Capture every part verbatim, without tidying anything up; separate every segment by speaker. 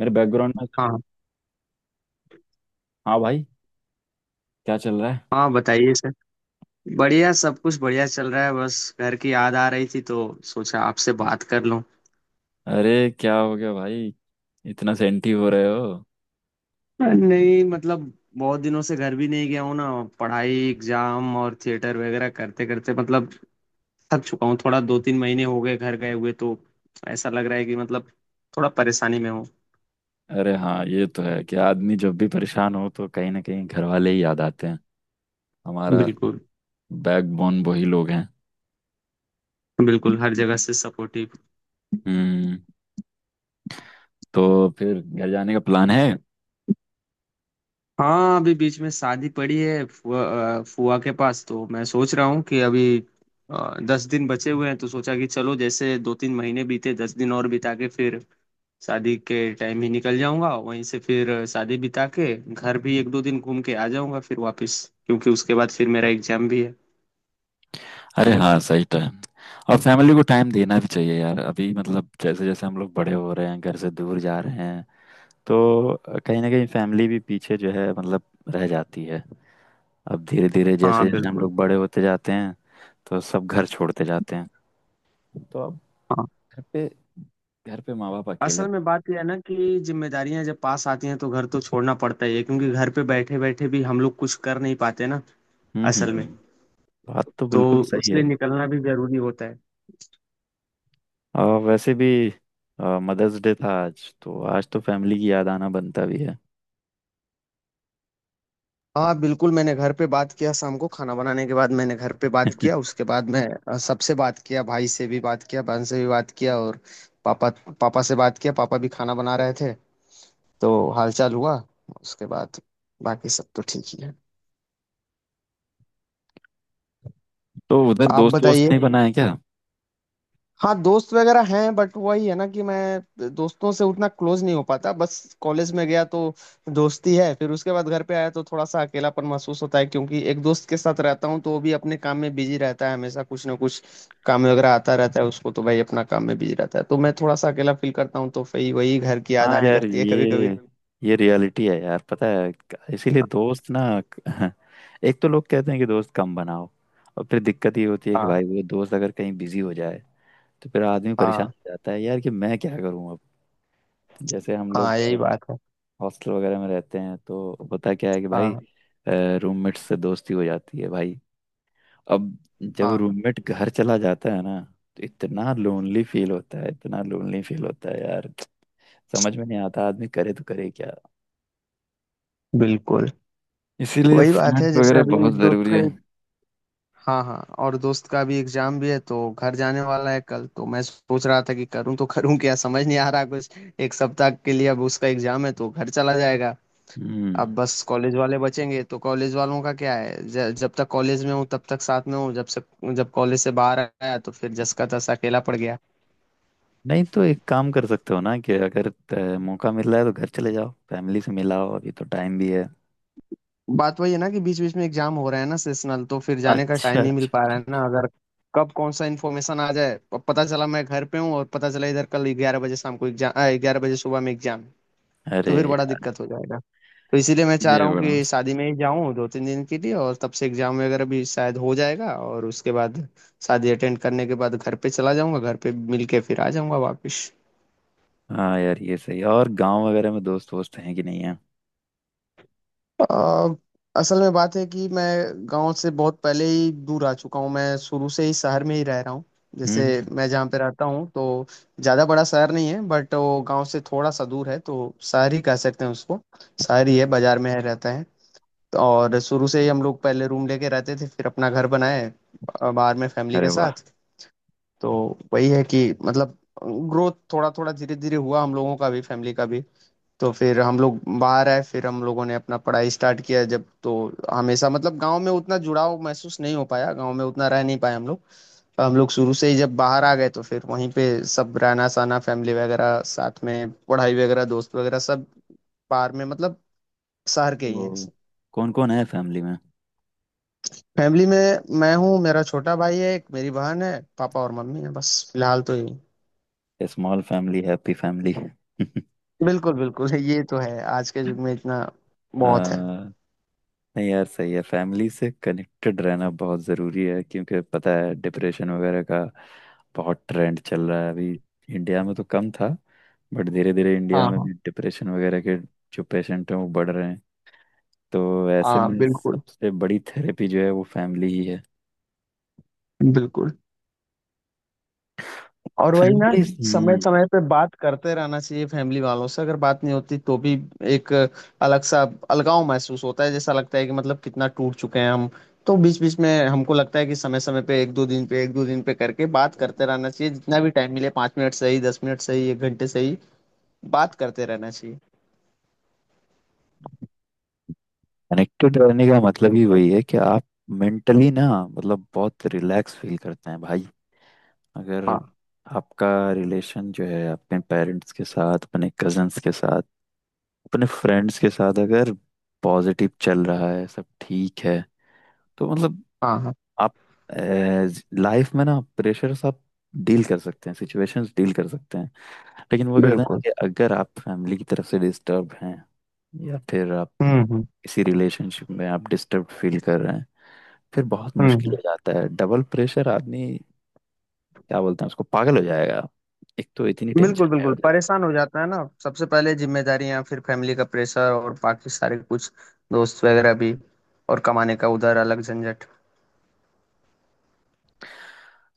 Speaker 1: मेरे बैकग्राउंड में।
Speaker 2: हाँ
Speaker 1: हाँ भाई, क्या चल रहा है।
Speaker 2: हाँ, बताइए सर। बढ़िया, सब कुछ बढ़िया चल रहा है, बस घर की याद आ रही थी तो सोचा आपसे बात कर लूं।
Speaker 1: अरे, क्या हो गया भाई! इतना सेंटी हो रहे हो।
Speaker 2: नहीं मतलब बहुत दिनों से घर भी नहीं गया हूँ ना। पढ़ाई, एग्जाम और थिएटर वगैरह करते करते मतलब थक चुका हूँ थोड़ा, दो तीन महीने हो गए घर गए हुए, तो ऐसा लग रहा है कि मतलब थोड़ा परेशानी में हूँ।
Speaker 1: अरे हाँ, ये तो है कि आदमी जब भी परेशान हो तो कहीं ना कहीं घर वाले ही याद आते हैं। हमारा
Speaker 2: बिल्कुल।
Speaker 1: बैकबोन वही लोग हैं।
Speaker 2: बिल्कुल, हर जगह से सपोर्टिव।
Speaker 1: हम्म तो फिर घर जाने का प्लान है।
Speaker 2: हाँ, अभी बीच में शादी पड़ी है फुआ, अ, फुआ के पास, तो मैं सोच रहा हूँ कि अभी अ, दस दिन बचे हुए हैं, तो सोचा कि चलो जैसे दो तीन महीने बीते, दस दिन और बिता के फिर शादी के टाइम ही निकल जाऊंगा वहीं से, फिर शादी बिता के घर भी एक दो दिन घूम के आ जाऊंगा फिर वापस, क्योंकि उसके बाद फिर मेरा एग्जाम भी है।
Speaker 1: अरे हाँ, सही टाइम। और फैमिली को टाइम देना भी चाहिए यार, अभी मतलब जैसे जैसे हम लोग बड़े हो रहे हैं, घर से दूर जा रहे हैं, तो कहीं ना कहीं फैमिली भी पीछे जो है मतलब रह जाती है। अब धीरे धीरे
Speaker 2: हाँ
Speaker 1: जैसे जैसे हम
Speaker 2: बिल्कुल।
Speaker 1: लोग बड़े होते जाते हैं, तो सब घर छोड़ते जाते हैं। तो अब
Speaker 2: हाँ,
Speaker 1: घर पे घर पे माँ बाप अकेले
Speaker 2: असल
Speaker 1: रहते।
Speaker 2: में बात यह है ना कि जिम्मेदारियां जब पास आती हैं तो घर तो छोड़ना पड़ता ही है, क्योंकि घर पे बैठे बैठे भी हम लोग कुछ कर नहीं पाते ना।
Speaker 1: हम्म, हम्म,
Speaker 2: असल में,
Speaker 1: हम्म। बात तो
Speaker 2: तो
Speaker 1: बिल्कुल सही है।
Speaker 2: उसलिए निकलना भी जरूरी होता है।
Speaker 1: आ, वैसे भी मदर्स डे था आज, तो आज तो फैमिली की याद आना बनता भी है।
Speaker 2: हाँ बिल्कुल, मैंने घर पे बात किया, शाम को खाना बनाने के बाद मैंने घर पे बात किया, उसके बाद मैं अ, सबसे बात किया, भाई से भी बात किया, बहन से भी बात किया, और पापा, पापा से बात किया, पापा भी खाना बना रहे थे, तो हालचाल हुआ, उसके बाद बाकी सब तो ठीक ही है।
Speaker 1: तो उधर
Speaker 2: आप
Speaker 1: दोस्त दोस्त
Speaker 2: बताइए।
Speaker 1: नहीं बनाए क्या।
Speaker 2: हाँ, दोस्त वगैरह हैं बट वही है ना कि मैं दोस्तों से उतना क्लोज नहीं हो पाता, बस कॉलेज में गया तो दोस्ती है, फिर उसके बाद घर पे आया तो थोड़ा सा अकेलापन महसूस होता है, क्योंकि एक दोस्त के साथ रहता हूँ तो वो भी अपने काम में बिजी रहता है हमेशा, कुछ ना कुछ काम वगैरह आता रहता है उसको, तो भाई अपना काम में बिजी रहता है, तो मैं थोड़ा सा अकेला फील करता हूँ, तो फिर वही घर की याद
Speaker 1: हाँ
Speaker 2: आने
Speaker 1: यार,
Speaker 2: लगती है कभी
Speaker 1: ये
Speaker 2: कभी।
Speaker 1: ये रियलिटी है यार, पता है। इसीलिए दोस्त ना। एक तो लोग कहते हैं कि दोस्त कम बनाओ, और फिर दिक्कत ये होती है कि
Speaker 2: हाँ
Speaker 1: भाई वो दोस्त अगर कहीं बिजी हो जाए, तो फिर आदमी परेशान
Speaker 2: हाँ।
Speaker 1: हो जाता है यार, कि मैं क्या करूं अब। जैसे हम
Speaker 2: हाँ
Speaker 1: लोग
Speaker 2: यही बात है।
Speaker 1: हॉस्टल वगैरह में रहते हैं, तो होता क्या है कि भाई
Speaker 2: हाँ
Speaker 1: रूममेट से दोस्ती हो जाती है भाई। अब जब
Speaker 2: हाँ
Speaker 1: रूममेट घर चला जाता है ना, तो इतना लोनली फील होता है, इतना लोनली फील होता है यार। समझ में नहीं आता आदमी करे तो करे क्या।
Speaker 2: बिल्कुल।
Speaker 1: इसीलिए
Speaker 2: वही बात है,
Speaker 1: फ्रेंड्स
Speaker 2: जैसे
Speaker 1: वगैरह
Speaker 2: अभी
Speaker 1: बहुत
Speaker 2: दोस्त
Speaker 1: ज़रूरी
Speaker 2: का।
Speaker 1: है।
Speaker 2: हाँ हाँ, और दोस्त का भी एग्जाम भी है तो घर जाने वाला है कल, तो मैं सोच रहा था कि करूँ तो करूँ क्या, समझ नहीं आ रहा कुछ। एक सप्ताह के लिए अब उसका एग्जाम है तो घर चला जाएगा।
Speaker 1: हम्म।
Speaker 2: अब बस कॉलेज वाले बचेंगे, तो कॉलेज वालों का क्या है, ज, जब तक कॉलेज में हूँ तब तक साथ में हूँ, जब से, जब कॉलेज से बाहर आया तो फिर जस का तस अकेला पड़ गया।
Speaker 1: नहीं तो एक काम कर सकते हो ना, कि अगर अ, मौका मिल रहा है तो घर चले जाओ, फैमिली से मिलाओ, अभी तो टाइम भी है।
Speaker 2: बात वही है ना, कि बीच बीच में एग्जाम हो रहा है ना सेशनल, तो फिर जाने का
Speaker 1: अच्छा,
Speaker 2: टाइम नहीं मिल
Speaker 1: अच्छा,
Speaker 2: पा रहा
Speaker 1: अच्छा,
Speaker 2: है
Speaker 1: अच्छा।
Speaker 2: ना। अगर कब कौन सा इन्फॉर्मेशन आ जाए, प- पता चला मैं घर पे हूँ और पता चला इधर कल ग्यारह बजे शाम को एग्जाम, ग्यारह बजे सुबह में एग्जाम, तो
Speaker 1: अरे
Speaker 2: फिर बड़ा दिक्कत हो जाएगा। तो इसीलिए मैं चाह
Speaker 1: ये
Speaker 2: रहा हूँ
Speaker 1: बड़ा
Speaker 2: कि
Speaker 1: मस्त।
Speaker 2: शादी में ही जाऊँ दो तीन दिन के लिए, और तब से एग्जाम वगैरह भी शायद हो जाएगा, और उसके बाद शादी अटेंड करने के बाद घर पे चला जाऊंगा, घर पे मिल के फिर आ जाऊंगा वापस।
Speaker 1: हाँ यार, ये सही है। और गांव वगैरह में दोस्त वोस्त हैं कि नहीं है।
Speaker 2: अ, असल में बात है कि मैं गांव से बहुत पहले ही दूर आ चुका हूँ, मैं शुरू से ही शहर में ही रह रहा हूँ।
Speaker 1: हम्म,
Speaker 2: जैसे
Speaker 1: हम्म, हम्म।
Speaker 2: मैं जहाँ पे रहता हूँ, तो ज़्यादा बड़ा शहर नहीं है बट वो गांव से थोड़ा सा दूर है, तो शहर ही कह सकते हैं उसको। शहर ही है, बाजार में है, रहता है। और शुरू से ही हम लोग पहले रूम लेके रहते थे, फिर अपना घर बनाए अ, बाहर में, फैमिली
Speaker 1: अरे
Speaker 2: के
Speaker 1: वाह!
Speaker 2: साथ। तो वही है कि मतलब ग्रोथ थोड़ा थोड़ा धीरे धीरे हुआ, हम लोगों का भी, फैमिली का भी। तो फिर हम लोग बाहर आए, फिर हम लोगों ने अपना पढ़ाई स्टार्ट किया जब, तो हमेशा मतलब गांव में उतना जुड़ाव महसूस नहीं हो पाया, गांव में उतना रह नहीं पाए हम लोग। तो हम लोग शुरू से ही जब बाहर आ गए तो फिर वहीं पे सब रहना सहना, फैमिली वगैरह साथ में, पढ़ाई वगैरह, दोस्त वगैरह, सब बाहर में मतलब शहर के ही
Speaker 1: तो
Speaker 2: हैं।
Speaker 1: कौन कौन है फैमिली में।
Speaker 2: फैमिली में मैं हूँ, मेरा छोटा भाई है एक, मेरी बहन है, पापा और मम्मी है, बस फिलहाल तो यही।
Speaker 1: Small family, happy family. आ,
Speaker 2: बिल्कुल बिल्कुल, ये तो है, आज के युग में इतना बहुत है।
Speaker 1: नहीं यार, सही है। फैमिली से कनेक्टेड रहना बहुत ज़रूरी है, क्योंकि पता है डिप्रेशन वगैरह का बहुत ट्रेंड चल रहा है अभी। इंडिया में तो कम था, बट धीरे धीरे इंडिया
Speaker 2: हाँ
Speaker 1: में
Speaker 2: हाँ।
Speaker 1: भी डिप्रेशन वगैरह के जो पेशेंट हैं वो बढ़ रहे हैं। तो ऐसे
Speaker 2: हाँ
Speaker 1: में
Speaker 2: बिल्कुल।
Speaker 1: सबसे बड़ी थेरेपी जो है वो फैमिली ही है।
Speaker 2: बिल्कुल, और वही ना,
Speaker 1: फैमिली
Speaker 2: समय समय पे बात करते रहना चाहिए फैमिली वालों से। अगर बात नहीं होती तो भी एक अलग सा अलगाव महसूस होता है, जैसा लगता है कि मतलब कितना टूट चुके हैं हम। तो बीच बीच में हमको लगता है कि समय समय पे, एक दो दिन पे, एक दो दिन पे करके बात करते रहना चाहिए, जितना भी टाइम मिले, पाँच मिनट सही, दस मिनट सही, एक घंटे सही, बात करते रहना चाहिए।
Speaker 1: कनेक्टेड रहने का मतलब ही वही है कि आप मेंटली ना, मतलब बहुत रिलैक्स फील करते हैं भाई। अगर
Speaker 2: हाँ।
Speaker 1: आपका रिलेशन जो है अपने पेरेंट्स के साथ, अपने कजन्स के साथ, अपने फ्रेंड्स के साथ अगर पॉजिटिव चल रहा है, सब ठीक है, तो मतलब
Speaker 2: हाँ हाँ
Speaker 1: आप लाइफ में ना प्रेशर आप डील कर सकते हैं, सिचुएशंस डील कर सकते हैं। लेकिन वो कहते हैं ना
Speaker 2: बिल्कुल।
Speaker 1: कि अगर आप फैमिली की तरफ से डिस्टर्ब हैं, या फिर आप
Speaker 2: हम्म हम्म
Speaker 1: इसी रिलेशनशिप में आप डिस्टर्ब फील कर रहे हैं, फिर बहुत
Speaker 2: हम्म
Speaker 1: मुश्किल
Speaker 2: हम्म।
Speaker 1: हो जाता है। डबल प्रेशर आदमी, क्या बोलते हैं उसको, पागल हो जाएगा। एक तो इतनी टेंशन
Speaker 2: बिल्कुल।
Speaker 1: है
Speaker 2: बिल्कुल,
Speaker 1: already।
Speaker 2: परेशान हो जाता है ना, सबसे पहले जिम्मेदारियां, फिर फैमिली का प्रेशर और बाकी सारे कुछ, दोस्त वगैरह भी, और कमाने का उधर अलग झंझट।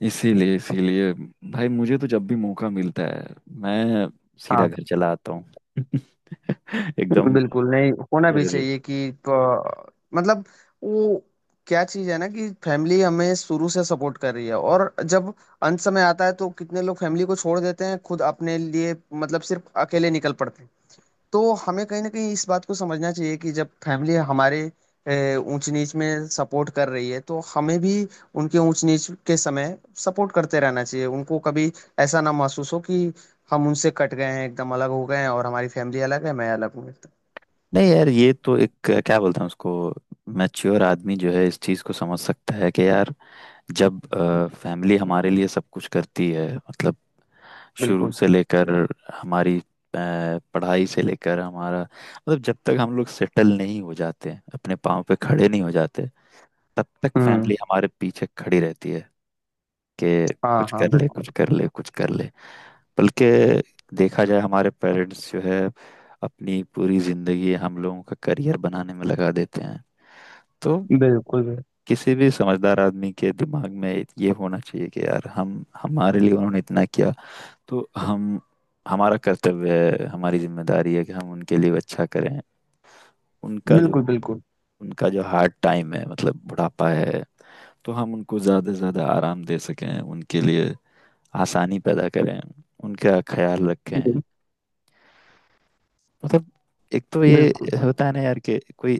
Speaker 1: इसीलिए इसीलिए भाई मुझे तो जब भी मौका मिलता है, मैं सीधा
Speaker 2: हाँ
Speaker 1: घर चला आता हूँ। एकदम।
Speaker 2: बिल्कुल, नहीं होना
Speaker 1: अ,
Speaker 2: भी चाहिए कि प- मतलब, वो क्या चीज है ना, कि फैमिली हमें शुरू से सपोर्ट कर रही है, और जब अंत समय आता है तो कितने लोग फैमिली को छोड़ देते हैं खुद अपने लिए, मतलब सिर्फ अकेले निकल पड़ते हैं। तो हमें कहीं ना कहीं इस बात को समझना चाहिए, कि जब फैमिली हमारे अ, ऊंच नीच में सपोर्ट कर रही है, तो हमें भी उनके ऊंच नीच के समय सपोर्ट करते रहना चाहिए, उनको कभी ऐसा ना महसूस हो कि हम उनसे कट गए हैं, एकदम अलग हो गए हैं, और हमारी फैमिली अलग है मैं अलग हूँ एकदम।
Speaker 1: नहीं यार, ये तो एक अ, क्या बोलते हैं उसको, मैच्योर आदमी जो है इस चीज को समझ सकता है, कि यार जब फैमिली हमारे लिए सब कुछ करती है, मतलब शुरू
Speaker 2: बिल्कुल।
Speaker 1: से लेकर हमारी अ, पढ़ाई से लेकर, हमारा मतलब जब तक हम लोग सेटल नहीं हो जाते, अपने पाँव पे खड़े नहीं हो जाते, तब तक
Speaker 2: हम्म।
Speaker 1: फैमिली हमारे पीछे खड़ी रहती है कि
Speaker 2: हाँ
Speaker 1: कुछ
Speaker 2: हाँ
Speaker 1: कर ले,
Speaker 2: बिल्कुल।
Speaker 1: कुछ कर ले, कुछ कर ले। बल्कि देखा जाए हमारे पेरेंट्स जो है अपनी पूरी जिंदगी हम लोगों का करियर बनाने में लगा देते हैं। तो
Speaker 2: बिल्कुल
Speaker 1: किसी भी समझदार आदमी के दिमाग में ये होना चाहिए कि यार, हम हमारे लिए उन्होंने इतना किया, तो हम हमारा कर्तव्य है, हमारी जिम्मेदारी है कि हम उनके लिए अच्छा करें। उनका जो
Speaker 2: बिल्कुल। बिल्कुल
Speaker 1: उनका जो हार्ड टाइम है, मतलब बुढ़ापा है, तो हम उनको ज़्यादा से ज़्यादा आराम दे सकें, उनके लिए आसानी पैदा करें, उनका ख्याल रखें। मतलब एक तो ये
Speaker 2: बिल्कुल।
Speaker 1: होता है ना यार, कि कोई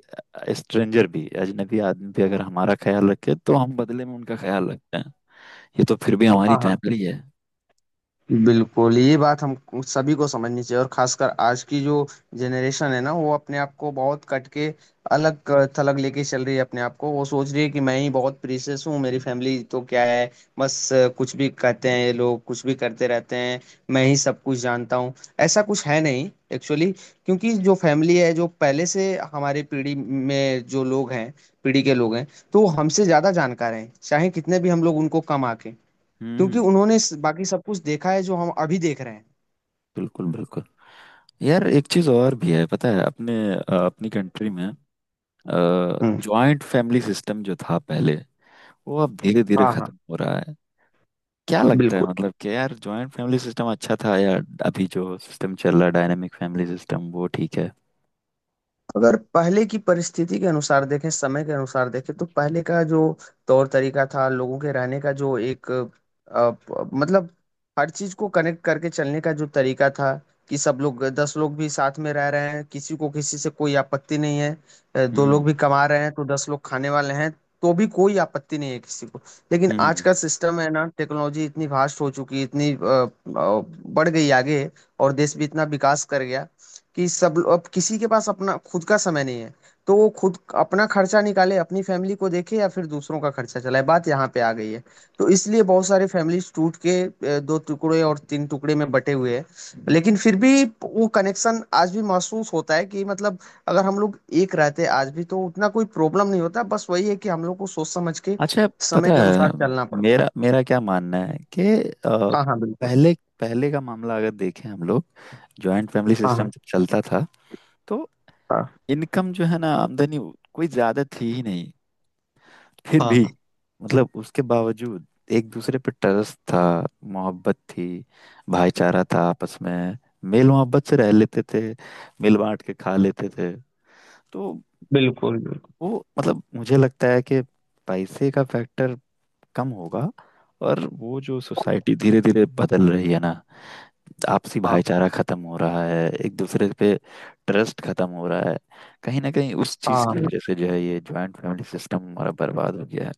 Speaker 1: स्ट्रेंजर भी, अजनबी आदमी भी अगर हमारा ख्याल रखे तो हम बदले में उनका ख्याल रखते हैं। ये तो फिर भी हमारी
Speaker 2: हाँ हाँ
Speaker 1: फैमिली है।
Speaker 2: बिल्कुल, ये बात हम सभी को समझनी चाहिए, और खासकर आज की जो जनरेशन है ना, वो अपने आप को बहुत कट के अलग थलग लेके चल रही है। अपने आप को वो सोच रही है कि मैं ही बहुत प्रीशियस हूँ, मेरी फैमिली तो क्या है, बस, अ, कुछ भी कहते हैं ये लोग, कुछ भी करते रहते हैं, मैं ही सब कुछ जानता हूँ। ऐसा कुछ है नहीं एक्चुअली, क्योंकि जो फैमिली है, जो पहले से हमारी पीढ़ी में जो लोग हैं, पीढ़ी के लोग हैं, तो वो हमसे ज्यादा जानकार हैं, चाहे कितने भी हम लोग उनको कम आके, क्योंकि
Speaker 1: हम्म,
Speaker 2: उन्होंने इस- बाकी सब कुछ देखा है जो हम अभी देख रहे हैं।
Speaker 1: बिल्कुल, बिल्कुल। यार, एक चीज और भी है पता है, अपने अ, अपनी कंट्री में
Speaker 2: हम्म।
Speaker 1: जॉइंट फैमिली सिस्टम जो था पहले, वो अब धीरे धीरे
Speaker 2: हाँ हाँ
Speaker 1: खत्म हो रहा है। क्या लगता है,
Speaker 2: बिल्कुल।
Speaker 1: मतलब कि यार जॉइंट फैमिली सिस्टम अच्छा था, या अभी जो सिस्टम चल रहा है, डायनेमिक फैमिली सिस्टम, वो ठीक है।
Speaker 2: अगर पहले की परिस्थिति के अनुसार देखें, समय के अनुसार देखें, तो पहले का जो तौर तरीका था लोगों के रहने का, जो एक अ, प- मतलब हर चीज को कनेक्ट करके चलने का जो तरीका था, कि सब लोग, दस लोग भी साथ में रह रहे हैं, किसी को किसी से कोई आपत्ति नहीं है, अ, दो
Speaker 1: हम्म,
Speaker 2: लोग भी कमा रहे हैं तो दस लोग खाने वाले हैं, तो भी कोई आपत्ति नहीं है किसी को। लेकिन आज
Speaker 1: हम्म,
Speaker 2: का सिस्टम है ना, टेक्नोलॉजी इतनी वास्ट हो चुकी है, इतनी अ, अ, बढ़ गई आगे, और देश भी इतना विकास कर गया, कि सब लो- अब किसी के पास अपना खुद का समय नहीं है। तो वो खुद अपना खर्चा निकाले, अपनी फैमिली को देखे, या फिर दूसरों का खर्चा चलाए, बात यहाँ पे आ गई है। तो इसलिए बहुत सारे फैमिलीज टूट के अ, दो टुकड़े और तीन टुकड़े में बटे हुए हैं, लेकिन फिर भी वो कनेक्शन आज भी महसूस होता है कि मतलब अगर हम लोग एक रहते आज भी तो उतना कोई प्रॉब्लम नहीं होता, बस वही है कि हम लोग को सोच समझ के
Speaker 1: अच्छा। पता
Speaker 2: समय के
Speaker 1: है,
Speaker 2: अनुसार चलना पड़ता है।
Speaker 1: मेरा मेरा क्या मानना है कि अ,
Speaker 2: हाँ हाँ बिल्कुल।
Speaker 1: पहले पहले का मामला अगर देखें हम लोग, जॉइंट फैमिली
Speaker 2: हाँ
Speaker 1: सिस्टम
Speaker 2: हाँ।
Speaker 1: जब चलता था, तो
Speaker 2: हाँ
Speaker 1: इनकम जो है ना, आमदनी, कोई ज्यादा थी ही नहीं। फिर
Speaker 2: हाँ
Speaker 1: भी
Speaker 2: हाँ।
Speaker 1: मतलब, उसके बावजूद एक दूसरे पे ट्रस्ट था, मोहब्बत थी, भाईचारा था आपस में, मेल मोहब्बत से रह लेते थे, मिल बांट के खा लेते थे। तो
Speaker 2: बिल्कुल बिल्कुल।
Speaker 1: वो मतलब मुझे लगता है कि पैसे का फैक्टर कम होगा। और वो जो सोसाइटी धीरे धीरे बदल रही है ना, आपसी
Speaker 2: हाँ
Speaker 1: भाईचारा खत्म हो रहा है, एक दूसरे पे ट्रस्ट खत्म हो रहा है, कहीं ना कहीं उस चीज की
Speaker 2: हाँ।
Speaker 1: वजह से जो है ये ज्वाइंट फैमिली सिस्टम हमारा बर्बाद हो गया है।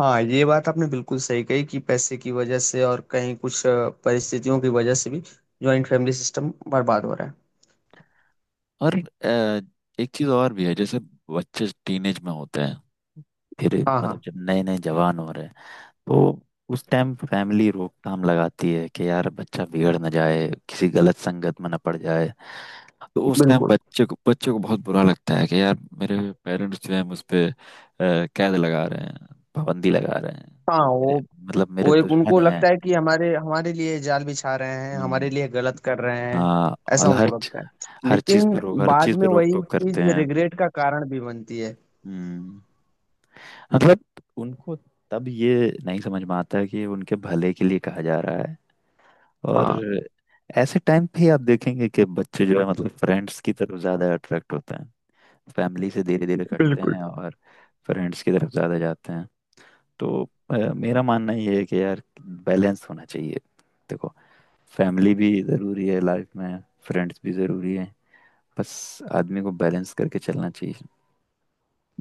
Speaker 2: हाँ, ये बात आपने बिल्कुल सही कही, कि पैसे की वजह से और कहीं कुछ अ, परिस्थितियों की वजह से भी ज्वाइंट फैमिली सिस्टम बर्बाद हो रहा है।
Speaker 1: और अ, एक चीज और भी है, जैसे बच्चे टीनेज में होते हैं, फिर
Speaker 2: हाँ
Speaker 1: मतलब
Speaker 2: हाँ
Speaker 1: जब नए नए जवान हो रहे हैं, तो उस टाइम फैमिली रोकथाम लगाती है कि यार बच्चा बिगड़ ना जाए, किसी गलत संगत में ना पड़ जाए। तो उस टाइम
Speaker 2: बिल्कुल।
Speaker 1: बच्चे को बच्चे को बहुत बुरा लगता है कि यार, मेरे पेरेंट्स जो है मुझ पे अ, कैद लगा रहे हैं, पाबंदी लगा रहे हैं,
Speaker 2: हाँ, वो
Speaker 1: मेरे- मतलब मेरे
Speaker 2: वो एक,
Speaker 1: दुश्मन
Speaker 2: उनको
Speaker 1: हैं।
Speaker 2: लगता है कि हमारे हमारे लिए जाल बिछा रहे हैं, हमारे
Speaker 1: हम्म,
Speaker 2: लिए गलत कर रहे हैं,
Speaker 1: हाँ। और
Speaker 2: ऐसा उनको
Speaker 1: हर
Speaker 2: लगता है।
Speaker 1: हर चीज पे
Speaker 2: लेकिन
Speaker 1: रोक हर
Speaker 2: बाद
Speaker 1: चीज
Speaker 2: में
Speaker 1: पे रोक
Speaker 2: वही
Speaker 1: टोक करते
Speaker 2: चीज
Speaker 1: हैं।
Speaker 2: रिग्रेट का कारण भी बनती है।
Speaker 1: हम्म। मतलब उनको तब ये नहीं समझ में आता कि उनके भले के लिए कहा जा रहा है। और
Speaker 2: हाँ
Speaker 1: ऐसे टाइम पे ही आप देखेंगे कि बच्चे जो है मतलब फ्रेंड्स की तरफ ज्यादा अट्रैक्ट होते हैं, फैमिली से धीरे धीरे कटते
Speaker 2: बिल्कुल।
Speaker 1: हैं और फ्रेंड्स की तरफ ज्यादा जाते हैं। तो अ, मेरा मानना ये है कि यार बैलेंस होना चाहिए। देखो, फैमिली भी जरूरी है लाइफ में, फ्रेंड्स भी जरूरी है। बस आदमी को बैलेंस करके चलना चाहिए।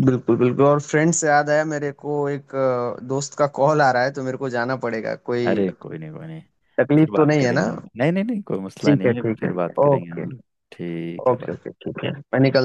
Speaker 2: बिल्कुल बिल्कुल, और फ्रेंड से याद आया मेरे को, एक अ, दोस्त का कॉल आ रहा है तो मेरे को जाना पड़ेगा, कोई
Speaker 1: अरे कोई नहीं, कोई नहीं,
Speaker 2: तकलीफ
Speaker 1: फिर
Speaker 2: तो
Speaker 1: बात
Speaker 2: नहीं है
Speaker 1: करेंगे
Speaker 2: ना?
Speaker 1: हम। नहीं नहीं नहीं, कोई मसला
Speaker 2: ठीक है
Speaker 1: नहीं है,
Speaker 2: ठीक
Speaker 1: फिर
Speaker 2: है।
Speaker 1: बात करेंगे
Speaker 2: ओके।
Speaker 1: हम लोग। ठीक है
Speaker 2: ओके
Speaker 1: भाई।
Speaker 2: ओके, ठीक है, मैं निकल